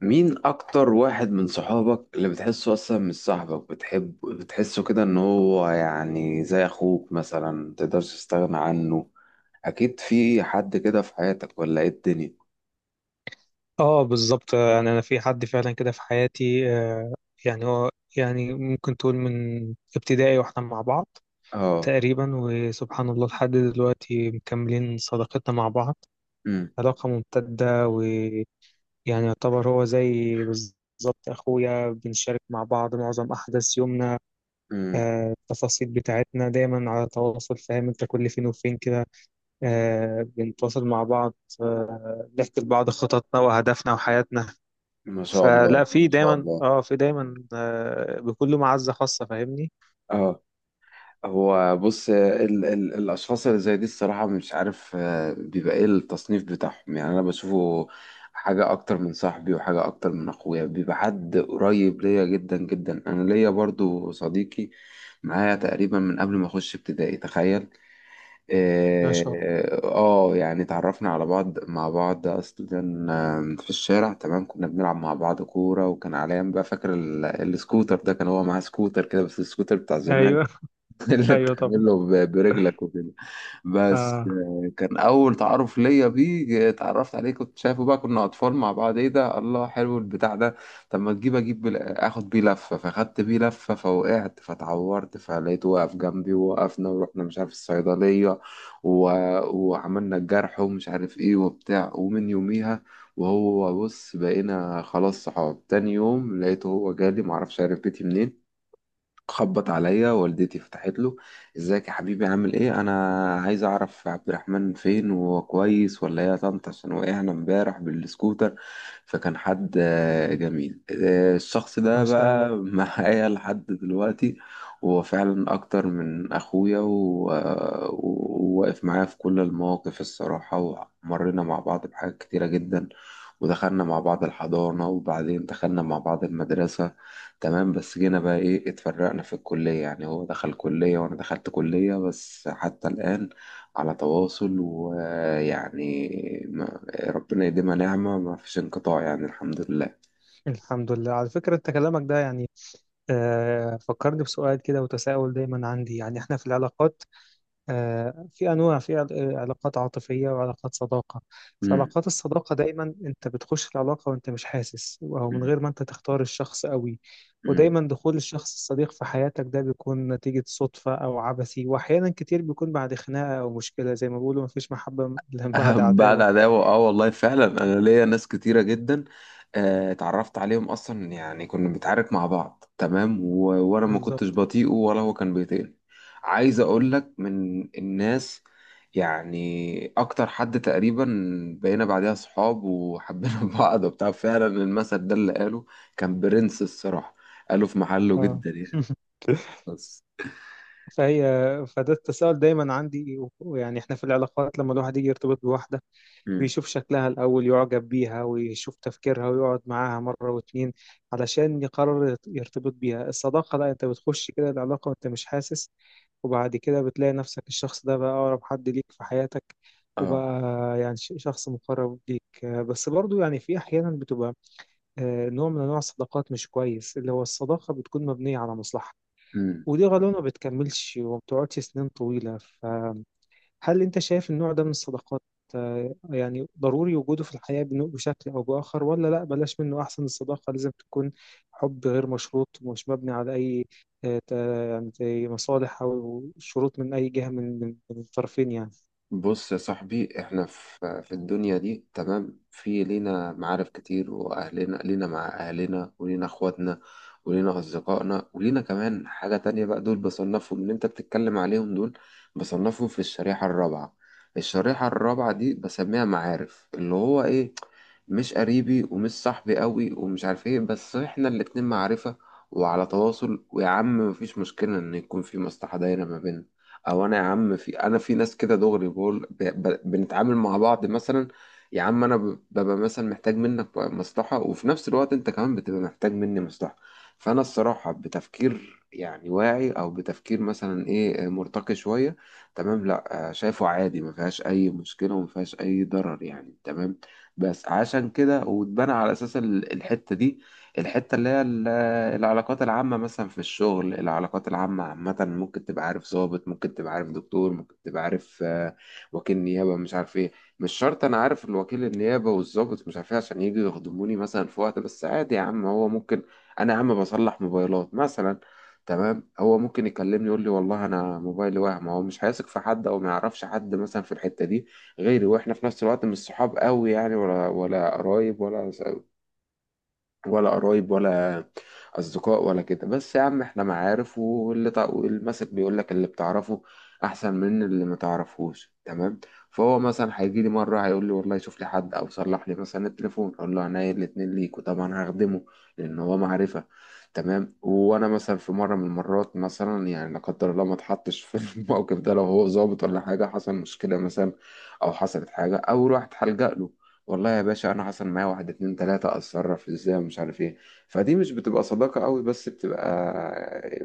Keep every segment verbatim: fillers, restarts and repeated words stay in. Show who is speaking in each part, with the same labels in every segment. Speaker 1: مين أكتر واحد من صحابك اللي بتحسه أصلا مش صاحبك، بتحب بتحسه كده إن هو يعني زي أخوك مثلا متقدرش تستغنى عنه؟ أكيد في حد كده في حياتك ولا إيه الدنيا؟
Speaker 2: اه، بالظبط، يعني انا في حد فعلا كده في حياتي. آه، يعني هو يعني ممكن تقول من ابتدائي واحنا مع بعض
Speaker 1: آه.
Speaker 2: تقريبا، وسبحان الله لحد دلوقتي مكملين صداقتنا مع بعض.
Speaker 1: أمم.
Speaker 2: علاقة ممتدة، ويعني يعتبر هو زي بالظبط اخويا، بنشارك مع بعض معظم احداث يومنا.
Speaker 1: أمم.
Speaker 2: آه، التفاصيل بتاعتنا دايما على تواصل، فاهم انت، كل فين وفين كده آه، بنتواصل مع بعض، بنحكي لبعض خططنا واهدافنا وحياتنا.
Speaker 1: ما شاء
Speaker 2: فلا
Speaker 1: الله
Speaker 2: في
Speaker 1: ما شاء
Speaker 2: دايما
Speaker 1: الله.
Speaker 2: اه في دايما آه بكل معزة خاصة، فاهمني.
Speaker 1: آه. هو بص، ال ال الأشخاص اللي زي دي الصراحة مش عارف آه، بيبقى إيه التصنيف بتاعهم، يعني أنا بشوفه حاجة أكتر من صاحبي وحاجة أكتر من أخويا، بيبقى حد قريب ليا جدا جدا. أنا ليا برضو صديقي معايا تقريبا من قبل ما أخش ابتدائي، تخيل.
Speaker 2: ما شاء الله.
Speaker 1: آه آه، يعني اتعرفنا على بعض مع بعض أصلا آه، في الشارع. تمام، كنا بنلعب مع بعض كورة، وكان عليا بقى فاكر ال- السكوتر ده، كان هو معاه سكوتر كده بس السكوتر بتاع زمان،
Speaker 2: ايوه.
Speaker 1: اللي
Speaker 2: ايوه طبعا.
Speaker 1: بتعمله ب- برجلك وكده. بس
Speaker 2: اه،
Speaker 1: آه، كان اول تعارف ليا بيه، آه، اتعرفت عليه كنت شايفه بقى، كنا اطفال مع بعض، ايه ده؟ الله حلو البتاع ده. طب ما تجيب اجيب بال- اخد بيه لفه. فاخدت بيه لفه فوقعت فتعورت، فلقيته واقف جنبي ووقفنا ورحنا مش عارف الصيدليه، و... وعملنا الجرح ومش عارف ايه وبتاع. ومن يوميها، وهو بص، بقينا خلاص صحاب. تاني يوم لقيته هو جالي، معرفش عرف بيتي منين، خبط عليا، والدتي فتحت له: ازيك يا حبيبي عامل ايه، انا عايز اعرف عبد الرحمن فين وهو كويس ولا ايه يا طنط عشان وقعنا امبارح بالسكوتر. فكان حد آه، جميل، آه، الشخص ده
Speaker 2: ما شاء الله.
Speaker 1: بقى معايا لحد دلوقتي. وهو فعلا اكتر من اخويا و- آه، وواقف معايا في كل المواقف الصراحة. ومرينا مع بعض بحاجات كتيرة جدا، ودخلنا مع بعض الحضانة، وبعدين دخلنا مع بعض المدرسة. تمام، بس جينا بقى ايه، اتفرقنا في الكلية، يعني هو دخل كلية وانا دخلت كلية. بس حتى الآن على تواصل، ويعني ما- ربنا يديمها نعمة، ما فيش انقطاع يعني الحمد لله.
Speaker 2: الحمد لله. على فكرة، انت كلامك ده يعني آه فكرني بسؤال كده، وتساؤل دايما عندي، يعني احنا في العلاقات، آه، في أنواع، في عل- آه، علاقات عاطفية وعلاقات صداقة. في
Speaker 1: مم.
Speaker 2: علاقات الصداقة دايما أنت بتخش العلاقة وأنت مش حاسس، أو من غير ما أنت تختار الشخص قوي.
Speaker 1: مم.
Speaker 2: ودايما دخول الشخص الصديق في حياتك ده بيكون نتيجة صدفة أو عبثي، وأحيانا كتير بيكون بعد خناقة أو مشكلة، زي ما بيقولوا: مفيش محبة إلا بعد
Speaker 1: بعد
Speaker 2: عتاوة.
Speaker 1: عداوة، اه والله فعلا، انا ليا ناس كتيرة جدا آه، اتعرفت عليهم اصلا يعني كنا بنتعارك مع بعض تمام، و... وانا ما كنتش
Speaker 2: بالظبط.
Speaker 1: بطيئه ولا هو كان بيطيقني. عايز اقول لك من الناس، يعني اكتر حد تقريبا بقينا بعدها صحاب وحبينا بعض وبتاع. فعلا المثل ده اللي قاله كان برنس الصراحة، قاله في محله
Speaker 2: آه.
Speaker 1: جدا يعني، بس.
Speaker 2: فهي فده التساؤل دايما عندي، ويعني احنا في العلاقات، لما الواحد يجي يرتبط بواحدة
Speaker 1: مم.
Speaker 2: بيشوف شكلها الأول، يعجب بيها، ويشوف تفكيرها، ويقعد معاها مرة واتنين علشان يقرر يت- يرتبط بيها. الصداقة لا، أنت بتخش كده العلاقة وأنت مش حاسس، وبعد كده بتلاقي نفسك الشخص ده بقى أقرب حد ليك في حياتك،
Speaker 1: اه،
Speaker 2: وبقى يعني ش- شخص مقرب ليك، آه، بس برضو يعني في أحيانا بتبقى آه، نوع من أنواع الصداقات مش كويس، اللي هو الصداقة بتكون مبنية على مصلحة، ودي غالبا ما بتكملش وما بتقعدش سنين طويلة. هل أنت شايف النوع ده من الصداقات آه، يعني ضروري وجوده في الحياة بن- بشكل أو بآخر، ولا لأ بلاش منه أحسن؟ الصداقة لازم تكون حب غير مشروط ومش مبني على أي، آه، ت- يعني زي مصالح أو شروط من أي جهة، من من من الطرفين يعني.
Speaker 1: بص يا صاحبي، احنا في في الدنيا دي تمام، في لينا معارف كتير، واهلنا لينا مع اهلنا، ولينا اخواتنا، ولينا اصدقائنا، ولينا كمان حاجة تانية بقى، دول بصنفهم اللي انت بتتكلم عليهم. دول بصنفهم في الشريحة الرابعة. الشريحة الرابعة دي بسميها معارف، اللي هو ايه، مش قريبي ومش صاحبي قوي ومش عارف ايه، بس احنا الاتنين معرفة وعلى تواصل، ويا عم مفيش مشكلة ان يكون في مصلحة دايرة ما بيننا. او انا يا عم في، انا في ناس كده دغري بقول ب... ب... بنتعامل مع بعض مثلا. يا عم انا ب- ببقى مثلا محتاج منك مصلحة، وفي نفس الوقت انت كمان بتبقى محتاج مني مصلحة. فانا الصراحة بتفكير يعني واعي، او بتفكير مثلا ايه آه، مرتقي شوية، تمام، لا آه، شايفه عادي، ما فيهاش اي مشكلة وما فيهاش اي ضرر يعني تمام. بس عشان كده واتبنى على اساس ال- الحتة دي، الحتة اللي هي ال- العلاقات العامة مثلا في الشغل. العلاقات العامة عامة، ممكن تبقى عارف ضابط، ممكن تبقى عارف دكتور، ممكن تبقى عارف آه، وكيل نيابة مش عارف ايه. مش شرط انا عارف الوكيل النيابة والضابط مش عارف ايه عشان يجوا يخدموني مثلا في وقت، بس عادي يا عم، هو ممكن، انا يا عم بصلح موبايلات مثلا تمام، هو ممكن يكلمني يقول لي والله انا موبايلي وهم، هو مش هيثق في حد او ما يعرفش حد مثلا في الحتة دي غيري، واحنا في نفس الوقت مش صحاب قوي يعني، ولا ولا قرايب ولا ولا قرايب ولا اصدقاء ولا كده، بس يا عم احنا معارف. واللي تع... المثل بيقول لك اللي بتعرفه احسن من اللي ما تعرفهوش تمام. فهو مثلا هيجي لي مره هيقول لي والله شوف لي حد او صلح لي مثلا التليفون، اقول له عينيا الاتنين ليك وطبعا هخدمه لان هو معرفه تمام. وانا مثلا في مره من المرات مثلا يعني، لا قدر الله ما اتحطش في الموقف ده، لو هو ظابط ولا حاجه حصل مشكله مثلا، او حصلت حاجه او رحت هلجأ له: والله يا باشا انا حصل معايا واحد اتنين تلاتة، اتصرف ازاي ومش عارف ايه. فدي مش بتبقى صداقة قوي، بس بتبقى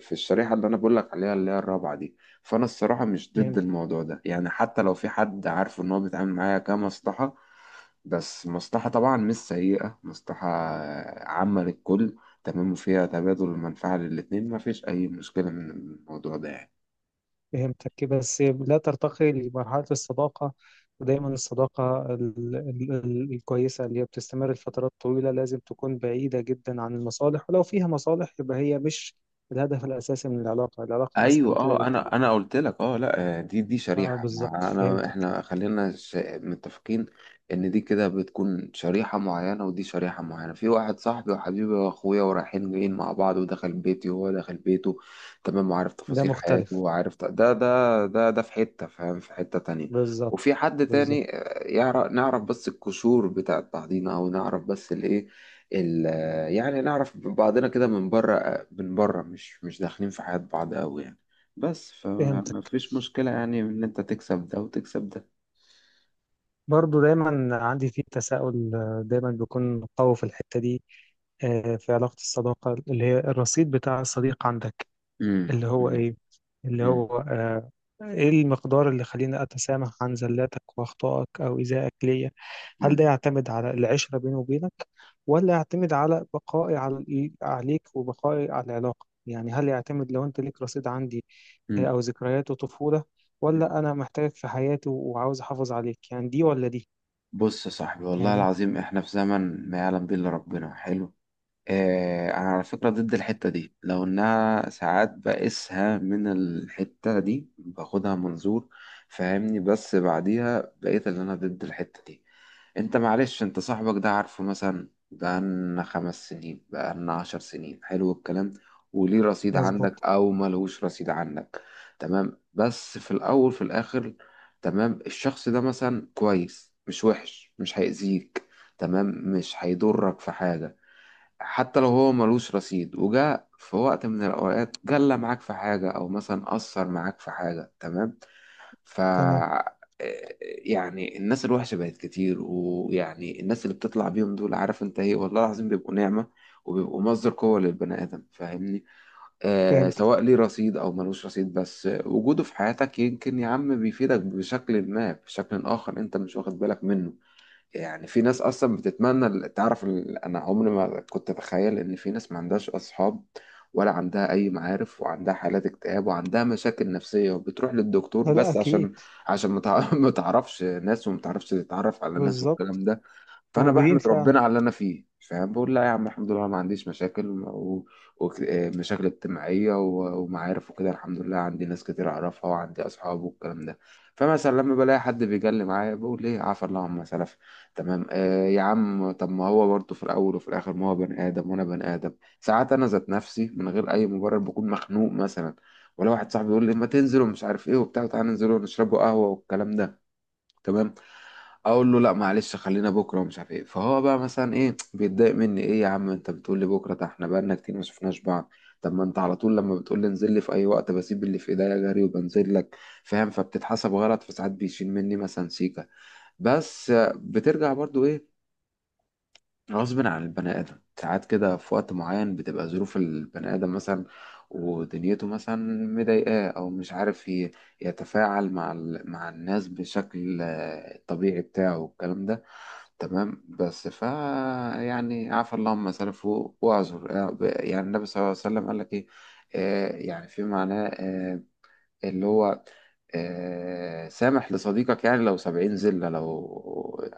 Speaker 1: في الشريحة اللي انا بقولك عليها اللي هي الرابعة دي. فانا الصراحة مش ضد
Speaker 2: فهمت.
Speaker 1: الموضوع ده يعني، حتى لو في حد عارفه ان هو بيتعامل معايا كمصلحة، بس مصلحة طبعا مش سيئة، مصلحة عامة للكل تمام، وفيها تبادل المنفعة للاتنين، مفيش اي مشكلة من الموضوع ده يعني.
Speaker 2: فهمتك كده، بس لا ترتقي لمرحلة الصداقة. ودايما الصداقة ال- ال- ال- الكويسة، اللي هي بتستمر لفترات طويلة، لازم تكون بعيدة جدا عن المصالح، ولو فيها مصالح يبقى هي مش الهدف الأساسي من العلاقة. العلاقة أسمى
Speaker 1: ايوه،
Speaker 2: من كده
Speaker 1: اه
Speaker 2: بكتير.
Speaker 1: انا انا قلت لك، اه لا، آه، دي دي
Speaker 2: اه،
Speaker 1: شريحه،
Speaker 2: بالظبط،
Speaker 1: ما انا،
Speaker 2: فهمتك.
Speaker 1: احنا خلينا ش- متفقين ان دي كده بتكون شريحه معينه، ودي شريحه معينه، في واحد صاحبي وحبيبي واخويا ورايحين جايين مع بعض، ودخل بيتي وهو دخل بيته تمام، وعارف
Speaker 2: ده
Speaker 1: تفاصيل
Speaker 2: مختلف.
Speaker 1: حياته وعارف ت- ده ده ده ده في حته، فاهم، في حته تانية.
Speaker 2: بالظبط.
Speaker 1: وفي حد تاني
Speaker 2: بالظبط،
Speaker 1: يعرف نعرف بس القشور بتاعت بعضينا، او نعرف بس الايه ال- يعني نعرف بعضنا كده من بره، من بره، مش مش داخلين في حياة بعض قوي يعني، بس
Speaker 2: فهمتك.
Speaker 1: فما فيش مشكلة يعني ان انت تكسب ده وتكسب ده.
Speaker 2: برضو دايما عندي فيه تساؤل، آه، دايما بيكون قوي في الحتة دي، آه، في علاقة الصداقة، اللي هي الرصيد بتاع الصديق عندك.
Speaker 1: مم.
Speaker 2: اللي هو
Speaker 1: مم.
Speaker 2: إيه اللي
Speaker 1: مم.
Speaker 2: هو آه، إيه المقدار اللي خليني أتسامح عن زلاتك وأخطائك أو إيذائك ليا؟ هل ده
Speaker 1: مم.
Speaker 2: يعتمد على العشرة بيني وبينك، ولا يعتمد على بقائي على عليك وبقائي على العلاقة؟ يعني هل يعتمد لو أنت ليك رصيد عندي آه،
Speaker 1: مم.
Speaker 2: أو ذكريات وطفولة،
Speaker 1: مم.
Speaker 2: ولا أنا محتاجك في حياتي وعاوز أحافظ عليك؟ يعني دي ولا دي؟
Speaker 1: بص يا صاحبي، والله
Speaker 2: فاهمني.
Speaker 1: العظيم احنا في زمن ما يعلم به الا ربنا. حلو، اه، انا على فكرة ضد الحتة دي. لو انها ساعات بقيسها من الحتة دي، باخدها منظور، فاهمني، بس بعديها بقيت اللي انا ضد الحتة دي. انت معلش، انت صاحبك ده عارفه مثلا بقالنا خمس سنين، بقالنا عشر سنين، حلو الكلام، وليه رصيد
Speaker 2: مظبوط.
Speaker 1: عندك او ملهوش رصيد عندك تمام. بس في الاول في الاخر، تمام، الشخص ده مثلا كويس مش وحش، مش هيأذيك تمام، مش هيضرك في حاجة. حتى لو هو ملوش رصيد، وجاء في وقت من الأوقات جلى معاك في حاجة، أو مثلا أثر معاك في حاجة تمام. ف
Speaker 2: تمام.
Speaker 1: آه، يعني الناس الوحشة بقت كتير، ويعني الناس اللي بتطلع بيهم دول عارف انت ايه، والله العظيم بيبقوا نعمة وبيبقوا مصدر قوة للبني آدم، فاهمني. آه
Speaker 2: فهمت.
Speaker 1: سواء ليه رصيد أو ملوش رصيد، بس وجوده في حياتك يمكن يا عم بيفيدك بشكل ما، بشكل آخر انت مش واخد بالك منه. يعني في ناس اصلا بتتمنى ال- تعرف ال- انا عمري ما كنت اتخيل ان في ناس ما عندهاش اصحاب، ولا عندها اي معارف، وعندها حالات اكتئاب، وعندها مشاكل نفسية، وبتروح للدكتور
Speaker 2: لا لا،
Speaker 1: بس
Speaker 2: أكيد.
Speaker 1: عشان عشان ما تع- ما تعرفش ناس وما تعرفش تتعرف على ناس
Speaker 2: بالظبط.
Speaker 1: والكلام ده. فانا
Speaker 2: موجودين
Speaker 1: بحمد
Speaker 2: فعلا.
Speaker 1: ربنا على اللي انا فيه، فاهم، بقول لا يا عم الحمد لله أنا ما عنديش مشاكل، ومشاكل اجتماعيه و- ومعارف وكده، الحمد لله عندي ناس كتير اعرفها وعندي اصحاب والكلام ده. فمثلا لما بلاقي حد بيجلي معايا، بقول ايه، عفا الله عما سلف تمام. آه يا عم، طب ما هو برضه في الاول وفي الاخر ما هو بني ادم وانا بني ادم، ساعات انا ذات نفسي من غير اي مبرر بكون مخنوق مثلا، ولا واحد صاحبي يقول لي ما تنزل ومش عارف ايه وبتاع تعالى ننزل ونشربوا قهوه والكلام ده تمام، اقول له لا معلش، خلينا بكره ومش عارف ايه. فهو بقى مثلا ايه بيتضايق مني، ايه يا عم انت بتقول لي بكره، ده احنا بقالنا كتير ما شفناش بعض. طب ما انت على طول لما بتقول لي انزل لي في اي وقت بسيب اللي في ايديا جري وبنزل لك، فاهم. فبتتحسب غلط، فساعات بيشيل مني مثلا سيكه. بس آه، بترجع برضو ايه، غصب عن البني ادم، ساعات كده في وقت معين بتبقى ظروف البني ادم مثلا، ودنيته مثلا مضايقاه، او مش عارف ي- يتفاعل مع ال- مع الناس بشكل آه، الطبيعي بتاعه والكلام ده، تمام، بس. فا يعني عفى الله عما سلف و- واعذر، آه، ب- يعني النبي صلى الله عليه وسلم قال لك ايه، آه يعني في معناه، آه اللي هو آه سامح لصديقك يعني لو سبعين ذلة، لو،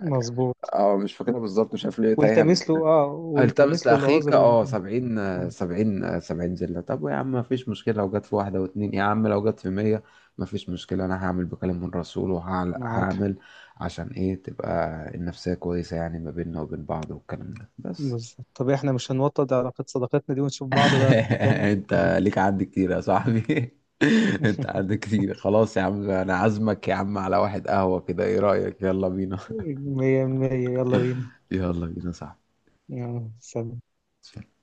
Speaker 2: مظبوط.
Speaker 1: اه مش فاكرها بالظبط، مش عارف ليه تايهة
Speaker 2: والتمس
Speaker 1: مني.
Speaker 2: له اه والتمس
Speaker 1: التمس
Speaker 2: له
Speaker 1: لاخيك،
Speaker 2: العذر.
Speaker 1: اه سبعين، آه،
Speaker 2: آه،
Speaker 1: سبعين، آه، سبعين زله. طب يا عم ما فيش مشكله لو جت في واحده واتنين، يا عم لو جت في مية، ما فيش مشكله انا هعمل بكلام من رسول،
Speaker 2: معاك حق.
Speaker 1: وهعمل عشان ايه، تبقى النفسيه كويسه يعني ما بيننا وبين بعض والكلام ده، بس.
Speaker 2: بالظبط. طب احنا مش هنوطد علاقة صداقتنا دي ونشوف بعض بقى في مكان؟
Speaker 1: انت ليك عد كتير يا صاحبي، انت عد كتير. خلاص يا عم انا عازمك يا عم على واحد قهوه كده، ايه رايك، يلا بينا.
Speaker 2: مية مية. يلا بينا.
Speaker 1: يلا بينا صاحبي.
Speaker 2: يلا سلام.